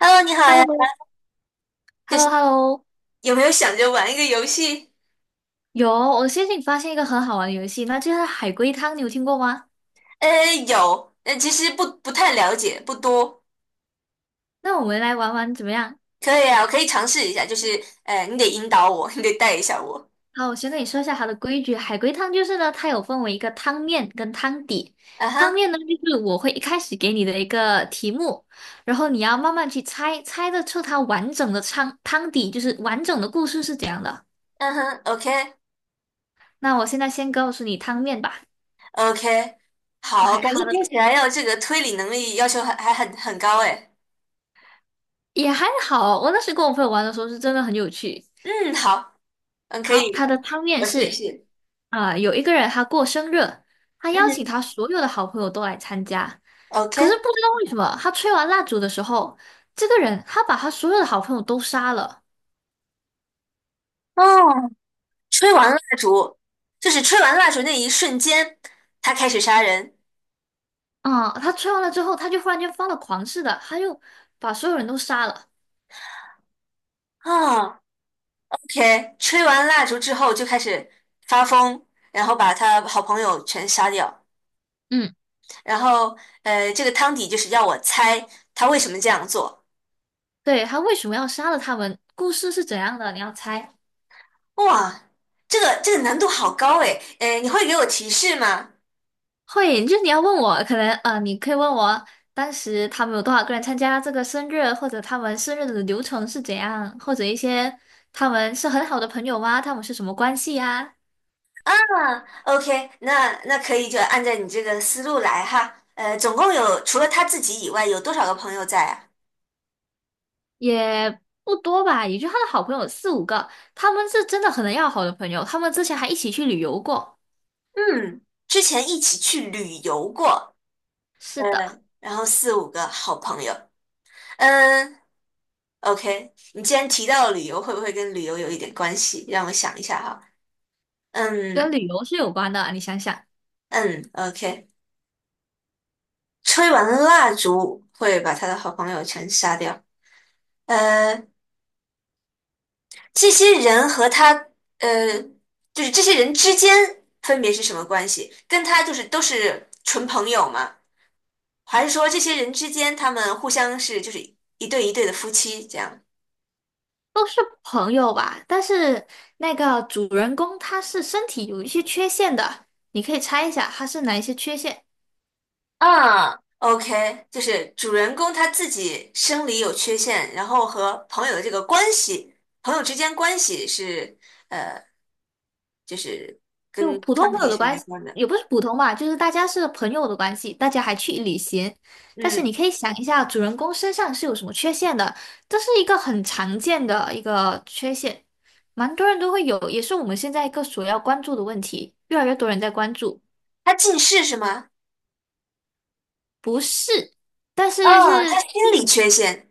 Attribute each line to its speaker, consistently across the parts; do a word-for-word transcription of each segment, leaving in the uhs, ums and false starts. Speaker 1: Hello，你好
Speaker 2: h e l
Speaker 1: 呀，
Speaker 2: l o h e
Speaker 1: 就
Speaker 2: l l o
Speaker 1: 是
Speaker 2: hello
Speaker 1: 有没有想着玩一个游戏？
Speaker 2: 有，我最近发现一个很好玩的游戏，那就是海龟汤，你有听过吗？
Speaker 1: 呃，有，呃，其实不不太了解，不多。
Speaker 2: 那我们来玩玩怎么样？
Speaker 1: 可以啊，我可以尝试一下，就是呃，你得引导我，你得带一下我。
Speaker 2: 好，我先跟你说一下它的规矩。海龟汤就是呢，它有分为一个汤面跟汤底。
Speaker 1: 啊
Speaker 2: 汤
Speaker 1: 哈，
Speaker 2: 面呢，就是我会一开始给你的一个题目，然后你要慢慢去猜，猜得出它完整的汤汤底，就是完整的故事是怎样的。
Speaker 1: 嗯哼，OK。
Speaker 2: 那我现在先告诉你汤面吧。
Speaker 1: OK，好，
Speaker 2: OK，
Speaker 1: 感觉
Speaker 2: 好
Speaker 1: 听
Speaker 2: 的，
Speaker 1: 起来要这个推理能力要求还还很很高哎。
Speaker 2: 也还好，我那时跟我朋友玩的时候是真的很有趣。
Speaker 1: 嗯，好，嗯，可
Speaker 2: 好，他
Speaker 1: 以，
Speaker 2: 的汤面
Speaker 1: 我试一
Speaker 2: 是，
Speaker 1: 试。
Speaker 2: 啊、有一个人他过生日，他
Speaker 1: 嗯
Speaker 2: 邀请
Speaker 1: 哼
Speaker 2: 他所有的好朋友都来参加，可是
Speaker 1: ，OK，
Speaker 2: 不知道为什么，他吹完蜡烛的时候，这个人他把他所有的好朋友都杀了。
Speaker 1: 哦，吹完蜡烛，就是吹完蜡烛那一瞬间，他开始杀人。
Speaker 2: 啊、他吹完了之后，他就忽然间发了狂似的，他就把所有人都杀了。
Speaker 1: 啊。OK,吹完蜡烛之后就开始发疯，然后把他好朋友全杀掉。
Speaker 2: 嗯，
Speaker 1: 然后，呃，这个汤底就是要我猜他为什么这样做。
Speaker 2: 对，他为什么要杀了他们？故事是怎样的？你要猜？
Speaker 1: 哇，这个这个难度好高诶，呃，你会给我提示吗？
Speaker 2: 会，就是你要问我，可能呃，你可以问我当时他们有多少个人参加这个生日，或者他们生日的流程是怎样，或者一些他们是很好的朋友吗？他们是什么关系呀？
Speaker 1: 啊，OK，那那可以就按照你这个思路来哈。呃，总共有除了他自己以外，有多少个朋友在啊？
Speaker 2: 也不多吧，也就他的好朋友四五个，他们是真的很要好的朋友，他们之前还一起去旅游过。
Speaker 1: 嗯，之前一起去旅游过，呃，
Speaker 2: 是的，
Speaker 1: 然后四五个好朋友。嗯、OK,你既然提到了旅游，会不会跟旅游有一点关系？让我想一下哈。
Speaker 2: 跟
Speaker 1: 嗯
Speaker 2: 旅游是有关的，你想想，
Speaker 1: 嗯，OK，吹完蜡烛会把他的好朋友全杀掉。呃，这些人和他，呃，就是这些人之间分别是什么关系？跟他就是都是纯朋友吗？还是说这些人之间他们互相是就是一对一对的夫妻这样？
Speaker 2: 都是朋友吧，但是那个主人公他是身体有一些缺陷的，你可以猜一下他是哪一些缺陷。
Speaker 1: 啊，OK，就是主人公他自己生理有缺陷，然后和朋友的这个关系，朋友之间关系是就是
Speaker 2: 就
Speaker 1: 跟
Speaker 2: 普通
Speaker 1: 康
Speaker 2: 朋友
Speaker 1: 体
Speaker 2: 的
Speaker 1: 是
Speaker 2: 关
Speaker 1: 没
Speaker 2: 系，
Speaker 1: 关的。
Speaker 2: 也不是普通吧，就是大家是朋友的关系，大家还去旅行。但是
Speaker 1: 嗯，
Speaker 2: 你可以想一下，主人公身上是有什么缺陷的，这是一个很常见的一个缺陷，蛮多人都会有，也是我们现在一个所要关注的问题，越来越多人在关注。
Speaker 1: 他近视是吗？
Speaker 2: 不是，但是
Speaker 1: 哦，
Speaker 2: 是
Speaker 1: 他心理
Speaker 2: 嗯
Speaker 1: 缺陷。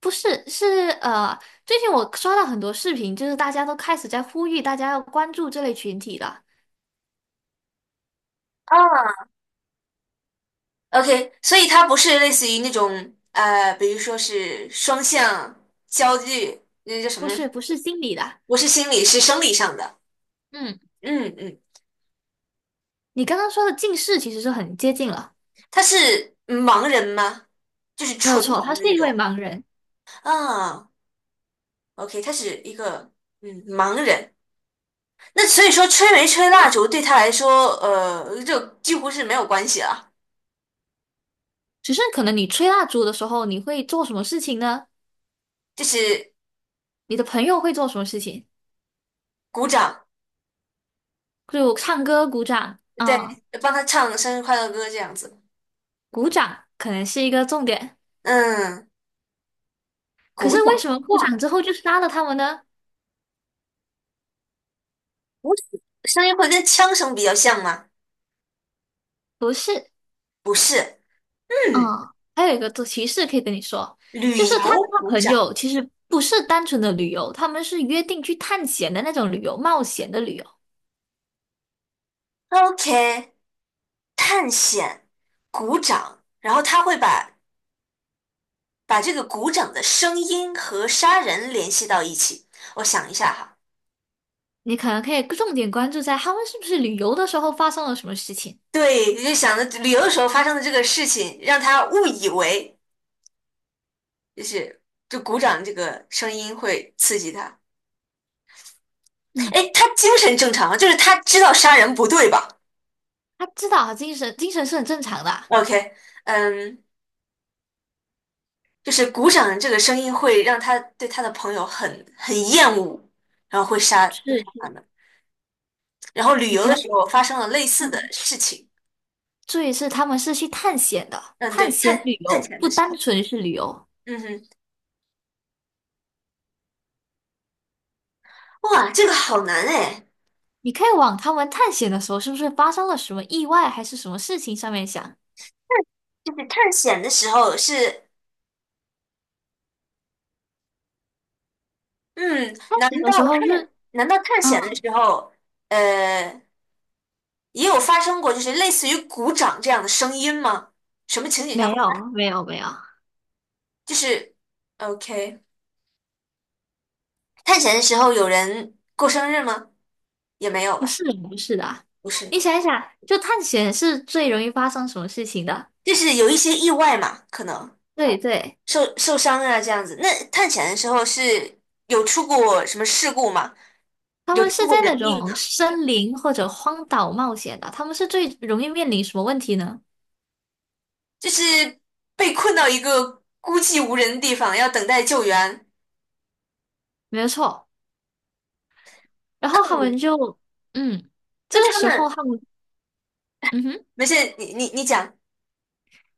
Speaker 2: 不是是呃，最近我刷到很多视频，就是大家都开始在呼吁大家要关注这类群体了，
Speaker 1: 哦，OK,所以他不是类似于那种呃，比如说是双向焦虑，那叫什
Speaker 2: 不
Speaker 1: 么？
Speaker 2: 是不是心理的，
Speaker 1: 不是心理，是生理上的。
Speaker 2: 嗯。
Speaker 1: 嗯嗯，
Speaker 2: 你刚刚说的近视其实是很接近了，
Speaker 1: 他是盲人吗？就是
Speaker 2: 没有
Speaker 1: 纯
Speaker 2: 错，
Speaker 1: 盲的
Speaker 2: 他是
Speaker 1: 那
Speaker 2: 一位
Speaker 1: 种。
Speaker 2: 盲人。
Speaker 1: 啊， OK,他是一个嗯盲人，那所以说吹没吹蜡烛对他来说，呃，就几乎是没有关系了，
Speaker 2: 只是可能你吹蜡烛的时候，你会做什么事情呢？
Speaker 1: 就是
Speaker 2: 你的朋友会做什么事情？
Speaker 1: 鼓掌，
Speaker 2: 就唱歌、鼓掌啊、
Speaker 1: 对，帮他唱生日快乐歌这样子。
Speaker 2: 鼓掌可能是一个重点。
Speaker 1: 嗯，
Speaker 2: 可
Speaker 1: 鼓
Speaker 2: 是为
Speaker 1: 掌，
Speaker 2: 什么鼓
Speaker 1: 哇，
Speaker 2: 掌之后就杀了他们呢？
Speaker 1: 鼓掌声音会跟枪声比较像吗？
Speaker 2: 不是，
Speaker 1: 不是，
Speaker 2: 嗯，
Speaker 1: 嗯，
Speaker 2: 还有一个提示可以跟你说，
Speaker 1: 旅
Speaker 2: 就是他
Speaker 1: 游
Speaker 2: 跟他
Speaker 1: 鼓
Speaker 2: 朋
Speaker 1: 掌
Speaker 2: 友其实不是单纯的旅游，他们是约定去探险的那种旅游，冒险的旅游。
Speaker 1: ，OK,探险鼓掌，然后他会把把这个鼓掌的声音和杀人联系到一起。我想一下哈。
Speaker 2: 你可能可以重点关注在他们是不是旅游的时候发生了什么事情。
Speaker 1: 对，就想着旅游的时候发生的这个事情，让他误以为就是就鼓掌这个声音会刺激他。
Speaker 2: 嗯，
Speaker 1: 哎，他精神正常吗就是他知道杀人不对吧
Speaker 2: 他知道啊，精神精神是很正常的啊。
Speaker 1: ？OK,嗯，就是鼓掌这个声音会让他对他的朋友很很厌恶，然后会杀会
Speaker 2: 是
Speaker 1: 杀他
Speaker 2: 是，
Speaker 1: 们。然后旅
Speaker 2: 你
Speaker 1: 游
Speaker 2: 可
Speaker 1: 的
Speaker 2: 能
Speaker 1: 时候发生了类似的
Speaker 2: 嗯，
Speaker 1: 事情。
Speaker 2: 注意是他们是去探险的，
Speaker 1: 嗯，
Speaker 2: 探
Speaker 1: 对，
Speaker 2: 险旅
Speaker 1: 探探
Speaker 2: 游
Speaker 1: 险
Speaker 2: 不
Speaker 1: 的时候，
Speaker 2: 单纯是旅游。
Speaker 1: 嗯哼，哇，这个好难哎。
Speaker 2: 你可以往他们探险的时候是不是发生了什么意外还是什么事情上面想。
Speaker 1: 就是探险的时候是嗯，
Speaker 2: 探
Speaker 1: 难
Speaker 2: 险的
Speaker 1: 道
Speaker 2: 时
Speaker 1: 探
Speaker 2: 候是
Speaker 1: 难道探险的
Speaker 2: 嗯，
Speaker 1: 时候，呃，也有发生过就是类似于鼓掌这样的声音吗？什么情景下
Speaker 2: 没
Speaker 1: 会发？
Speaker 2: 有没有没有，
Speaker 1: 就是，OK,探险的时候有人过生日吗？也没有
Speaker 2: 不
Speaker 1: 吧，
Speaker 2: 是不是的啊。
Speaker 1: 不是
Speaker 2: 你
Speaker 1: 吧？
Speaker 2: 想一想，就探险是最容易发生什么事情的？
Speaker 1: 就是有一些意外嘛，可能
Speaker 2: 对对，
Speaker 1: 受受伤啊这样子。那探险的时候是有出过什么事故吗？
Speaker 2: 他
Speaker 1: 有
Speaker 2: 们
Speaker 1: 出
Speaker 2: 是
Speaker 1: 过
Speaker 2: 在
Speaker 1: 人
Speaker 2: 那
Speaker 1: 命
Speaker 2: 种
Speaker 1: 啊？
Speaker 2: 森林或者荒岛冒险的，他们是最容易面临什么问题呢？
Speaker 1: 就是被困到一个孤寂无人的地方，要等待救援。
Speaker 2: 没有错。然后他们就，嗯，这
Speaker 1: 那
Speaker 2: 个
Speaker 1: 他
Speaker 2: 时候
Speaker 1: 们。
Speaker 2: 他们，嗯哼，
Speaker 1: 没事，你你你讲，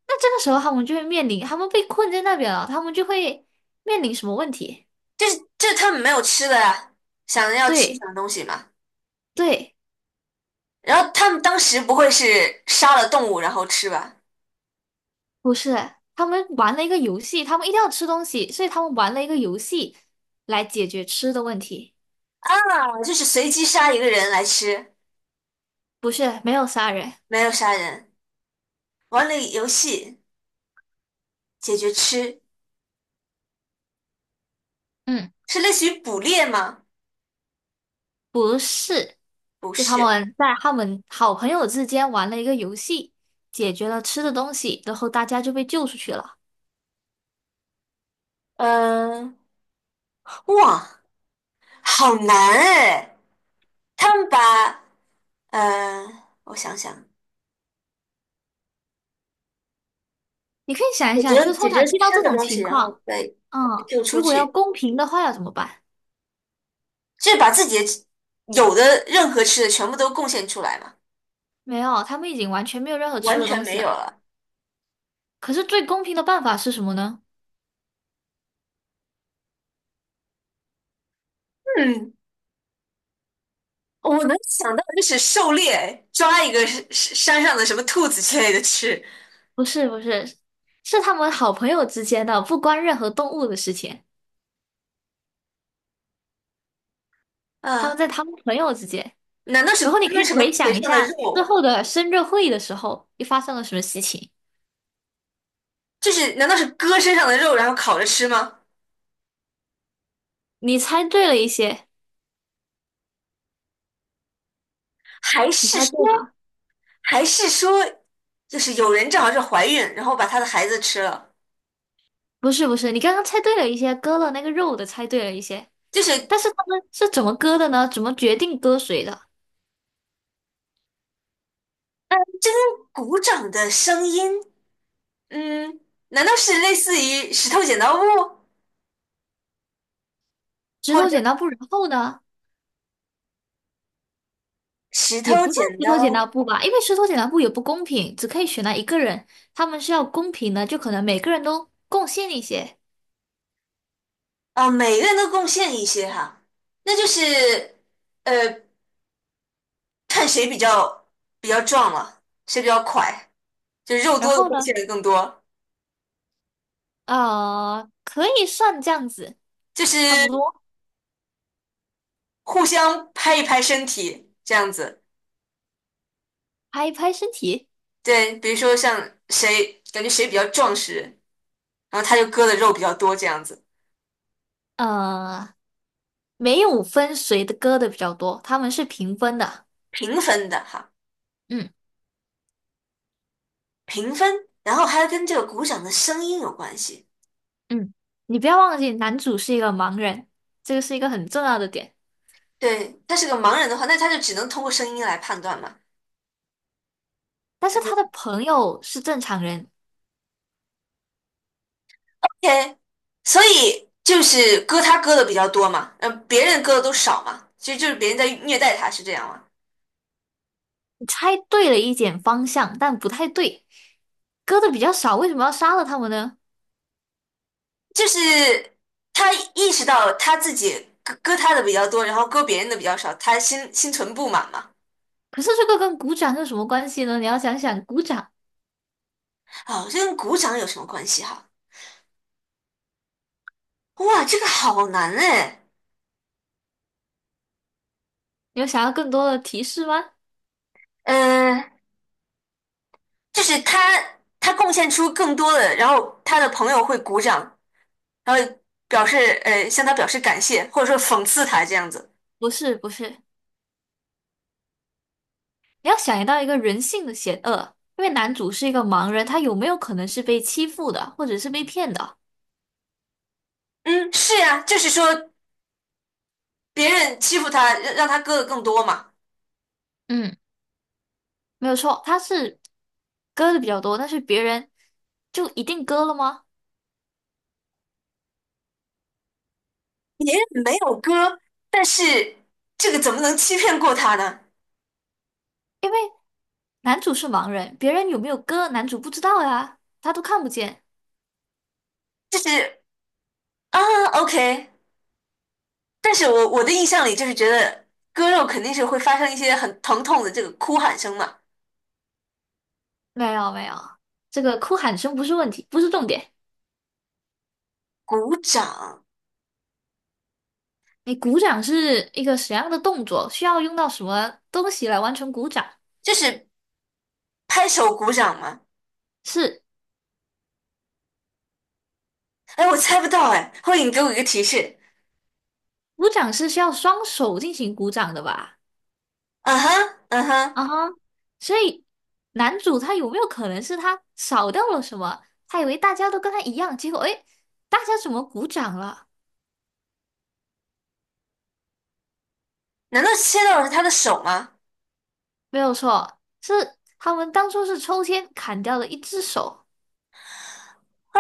Speaker 2: 那这个时候他们就会面临，他们被困在那边了，他们就会面临什么问题？
Speaker 1: 就是就是他们没有吃的呀，想着要吃什
Speaker 2: 对
Speaker 1: 么东西嘛。
Speaker 2: 对，
Speaker 1: 然后他们当时不会是杀了动物然后吃吧？
Speaker 2: 不是，他们玩了一个游戏，他们一定要吃东西，所以他们玩了一个游戏来解决吃的问题。
Speaker 1: 啊，就是随机杀一个人来吃，
Speaker 2: 不是，没有杀人，
Speaker 1: 没有杀人。玩了游戏解决吃，
Speaker 2: 嗯，
Speaker 1: 是类似于捕猎吗？
Speaker 2: 不是，
Speaker 1: 不
Speaker 2: 就他
Speaker 1: 是。
Speaker 2: 们在他们好朋友之间玩了一个游戏，解决了吃的东西，然后大家就被救出去了。
Speaker 1: 嗯、哇，好难哎！他们把呃，我想想，
Speaker 2: 你可以想
Speaker 1: 解
Speaker 2: 一想，就
Speaker 1: 决
Speaker 2: 是通
Speaker 1: 解决
Speaker 2: 常遇到
Speaker 1: 吃
Speaker 2: 这
Speaker 1: 的
Speaker 2: 种
Speaker 1: 东西，
Speaker 2: 情
Speaker 1: 然后
Speaker 2: 况。
Speaker 1: 再
Speaker 2: 嗯，
Speaker 1: Q 出
Speaker 2: 如果要
Speaker 1: 去。
Speaker 2: 公平的话要怎么办？
Speaker 1: 就是把自己的有的任何吃的全部都贡献出来嘛，
Speaker 2: 没有，他们已经完全没有任何吃
Speaker 1: 完
Speaker 2: 的
Speaker 1: 全
Speaker 2: 东西
Speaker 1: 没有
Speaker 2: 了。
Speaker 1: 了。
Speaker 2: 可是最公平的办法是什么呢？
Speaker 1: 嗯，我能想到的就是狩猎，抓一个山山上的什么兔子之类的吃
Speaker 2: 不是不是，是他们好朋友之间的，不关任何动物的事情。他
Speaker 1: 啊？
Speaker 2: 们在他们朋友之间，
Speaker 1: 难道是
Speaker 2: 然后你可
Speaker 1: 割
Speaker 2: 以
Speaker 1: 什么
Speaker 2: 回
Speaker 1: 腿
Speaker 2: 想一
Speaker 1: 上的
Speaker 2: 下之
Speaker 1: 肉？
Speaker 2: 后的生日会的时候，又发生了什么事情？
Speaker 1: 就是难道是割身上的肉然后烤着吃吗？
Speaker 2: 你猜对了一些，
Speaker 1: 还
Speaker 2: 你
Speaker 1: 是
Speaker 2: 猜对
Speaker 1: 说
Speaker 2: 了，
Speaker 1: 还是说，就是有人正好是怀孕，然后把她的孩子吃了？
Speaker 2: 不是不是，你刚刚猜对了一些，割了那个肉的猜对了一些，
Speaker 1: 就是嗯，
Speaker 2: 但是他们是怎么割的呢？怎么决定割谁的？
Speaker 1: 真鼓掌的声音，嗯，难道是类似于石头剪刀布？
Speaker 2: 石
Speaker 1: 或
Speaker 2: 头
Speaker 1: 者
Speaker 2: 剪刀布，然后呢？
Speaker 1: 石
Speaker 2: 也不
Speaker 1: 头
Speaker 2: 算
Speaker 1: 剪
Speaker 2: 石头剪刀
Speaker 1: 刀，
Speaker 2: 布吧，因为石头剪刀布也不公平，只可以选那一个人，他们是要公平的，就可能每个人都贡献一些。
Speaker 1: 啊，每个人都贡献一些哈，那就是呃，看谁比较比较壮了，谁比较快，就肉
Speaker 2: 然
Speaker 1: 多的
Speaker 2: 后
Speaker 1: 贡
Speaker 2: 呢，
Speaker 1: 献的更多，
Speaker 2: 呃，可以算这样子，
Speaker 1: 就是
Speaker 2: 差不多，
Speaker 1: 互相拍一拍身体这样子。
Speaker 2: 拍一拍身体，
Speaker 1: 对，比如说像谁感觉谁比较壮实，然后他就割的肉比较多这样子，
Speaker 2: 呃，没有分谁的歌的比较多，他们是平分的。
Speaker 1: 平分的哈，
Speaker 2: 嗯
Speaker 1: 平分，然后还要跟这个鼓掌的声音有关系。
Speaker 2: 嗯，你不要忘记，男主是一个盲人，这个是一个很重要的点，
Speaker 1: 对，他是个盲人的话，那他就只能通过声音来判断嘛。
Speaker 2: 但是他的朋友是正常人，
Speaker 1: 天，所以就是割他割的比较多嘛，嗯、别人割的都少嘛，其实就是别人在虐待他，是这样吗？
Speaker 2: 你猜对了一点方向，但不太对。割的比较少，为什么要杀了他们呢？
Speaker 1: 就是他意识到他自己割割他的比较多，然后割别人的比较少，他心心存不满嘛。
Speaker 2: 可是这个跟鼓掌有什么关系呢？你要想想鼓掌，
Speaker 1: 哦，这跟鼓掌有什么关系哈？哇，这个好难哎。
Speaker 2: 你有想要更多的提示吗？
Speaker 1: 嗯，就是他他贡献出更多的，然后他的朋友会鼓掌，然后表示呃向他表示感谢，或者说讽刺他这样子。
Speaker 2: 不是，不是，你要想到一个人性的险恶，因为男主是一个盲人，他有没有可能是被欺负的，或者是被骗的？
Speaker 1: 嗯，是呀，就是说别人欺负他，让让他割的更多嘛。
Speaker 2: 嗯，没有错，他是割的比较多，但是别人就一定割了吗？
Speaker 1: 别人没有割，但是这个怎么能欺骗过他呢？
Speaker 2: 男主是盲人，别人有没有割，男主不知道呀，他都看不见。
Speaker 1: 就是啊，OK。但是我我的印象里就是觉得割肉肯定是会发生一些很疼痛的这个哭喊声嘛，
Speaker 2: 没有没有，这个哭喊声不是问题，不是重点。
Speaker 1: 鼓掌
Speaker 2: 你鼓掌是一个什么样的动作？需要用到什么东西来完成鼓掌？
Speaker 1: 就是拍手鼓掌嘛。
Speaker 2: 是，
Speaker 1: 哎，我猜不到哎，后者你给我一个提示。
Speaker 2: 鼓掌是需要双手进行鼓掌的吧？
Speaker 1: 嗯哼，嗯哼，
Speaker 2: 啊哈，所以男主他有没有可能是他少掉了什么？他以为大家都跟他一样，结果诶，大家怎么鼓掌了？
Speaker 1: 难道切到的是他的手吗？
Speaker 2: 没有错，是他们当初是抽签砍掉了一只手。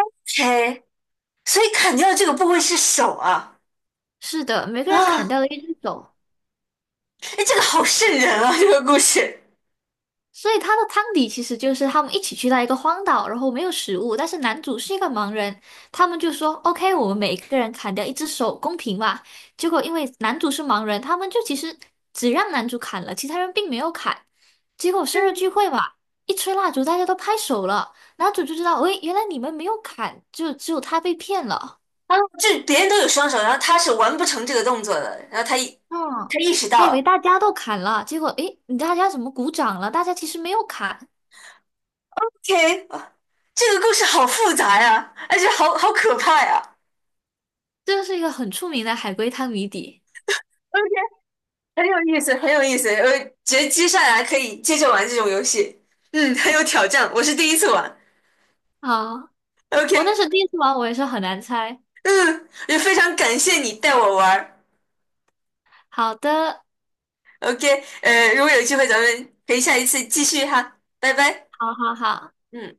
Speaker 1: o 所以砍掉的这个部位是手啊。
Speaker 2: 是的，每个人砍
Speaker 1: 啊，
Speaker 2: 掉了一只手。
Speaker 1: 哎，这个好瘆人啊！这个故事，
Speaker 2: 所以他的汤底其实就是他们一起去到一个荒岛，然后没有食物，但是男主是一个盲人，他们就说 OK，我们每一个人砍掉一只手，公平吧。结果因为男主是盲人，他们就其实只让男主砍了，其他人并没有砍。结果生日聚会嘛，一吹蜡烛，大家都拍手了，男主就知道，喂，原来你们没有砍，就只有他被骗了。
Speaker 1: 啊，这别人都有双手，然后他是完不成这个动作的，然后他一
Speaker 2: 嗯，
Speaker 1: 他意识到
Speaker 2: 他以为
Speaker 1: 了
Speaker 2: 大家都砍了，结果诶，你大家怎么鼓掌了？大家其实没有砍，
Speaker 1: ，OK,啊这个故事好复杂呀，而且好好可怕呀
Speaker 2: 这个是一个很出名的海龟汤谜底。
Speaker 1: ，OK，很有意思，很有意思，我觉得接下来可以接着玩这种游戏，嗯，很有挑战，我是第一次玩
Speaker 2: 好，我那
Speaker 1: ，OK，
Speaker 2: 是第一次玩，我也是很难猜。
Speaker 1: 嗯，也非常感谢你带我玩
Speaker 2: 好的，
Speaker 1: ，OK,呃，如果有机会咱们可以下一次继续哈，拜拜，
Speaker 2: 好好好。
Speaker 1: 嗯。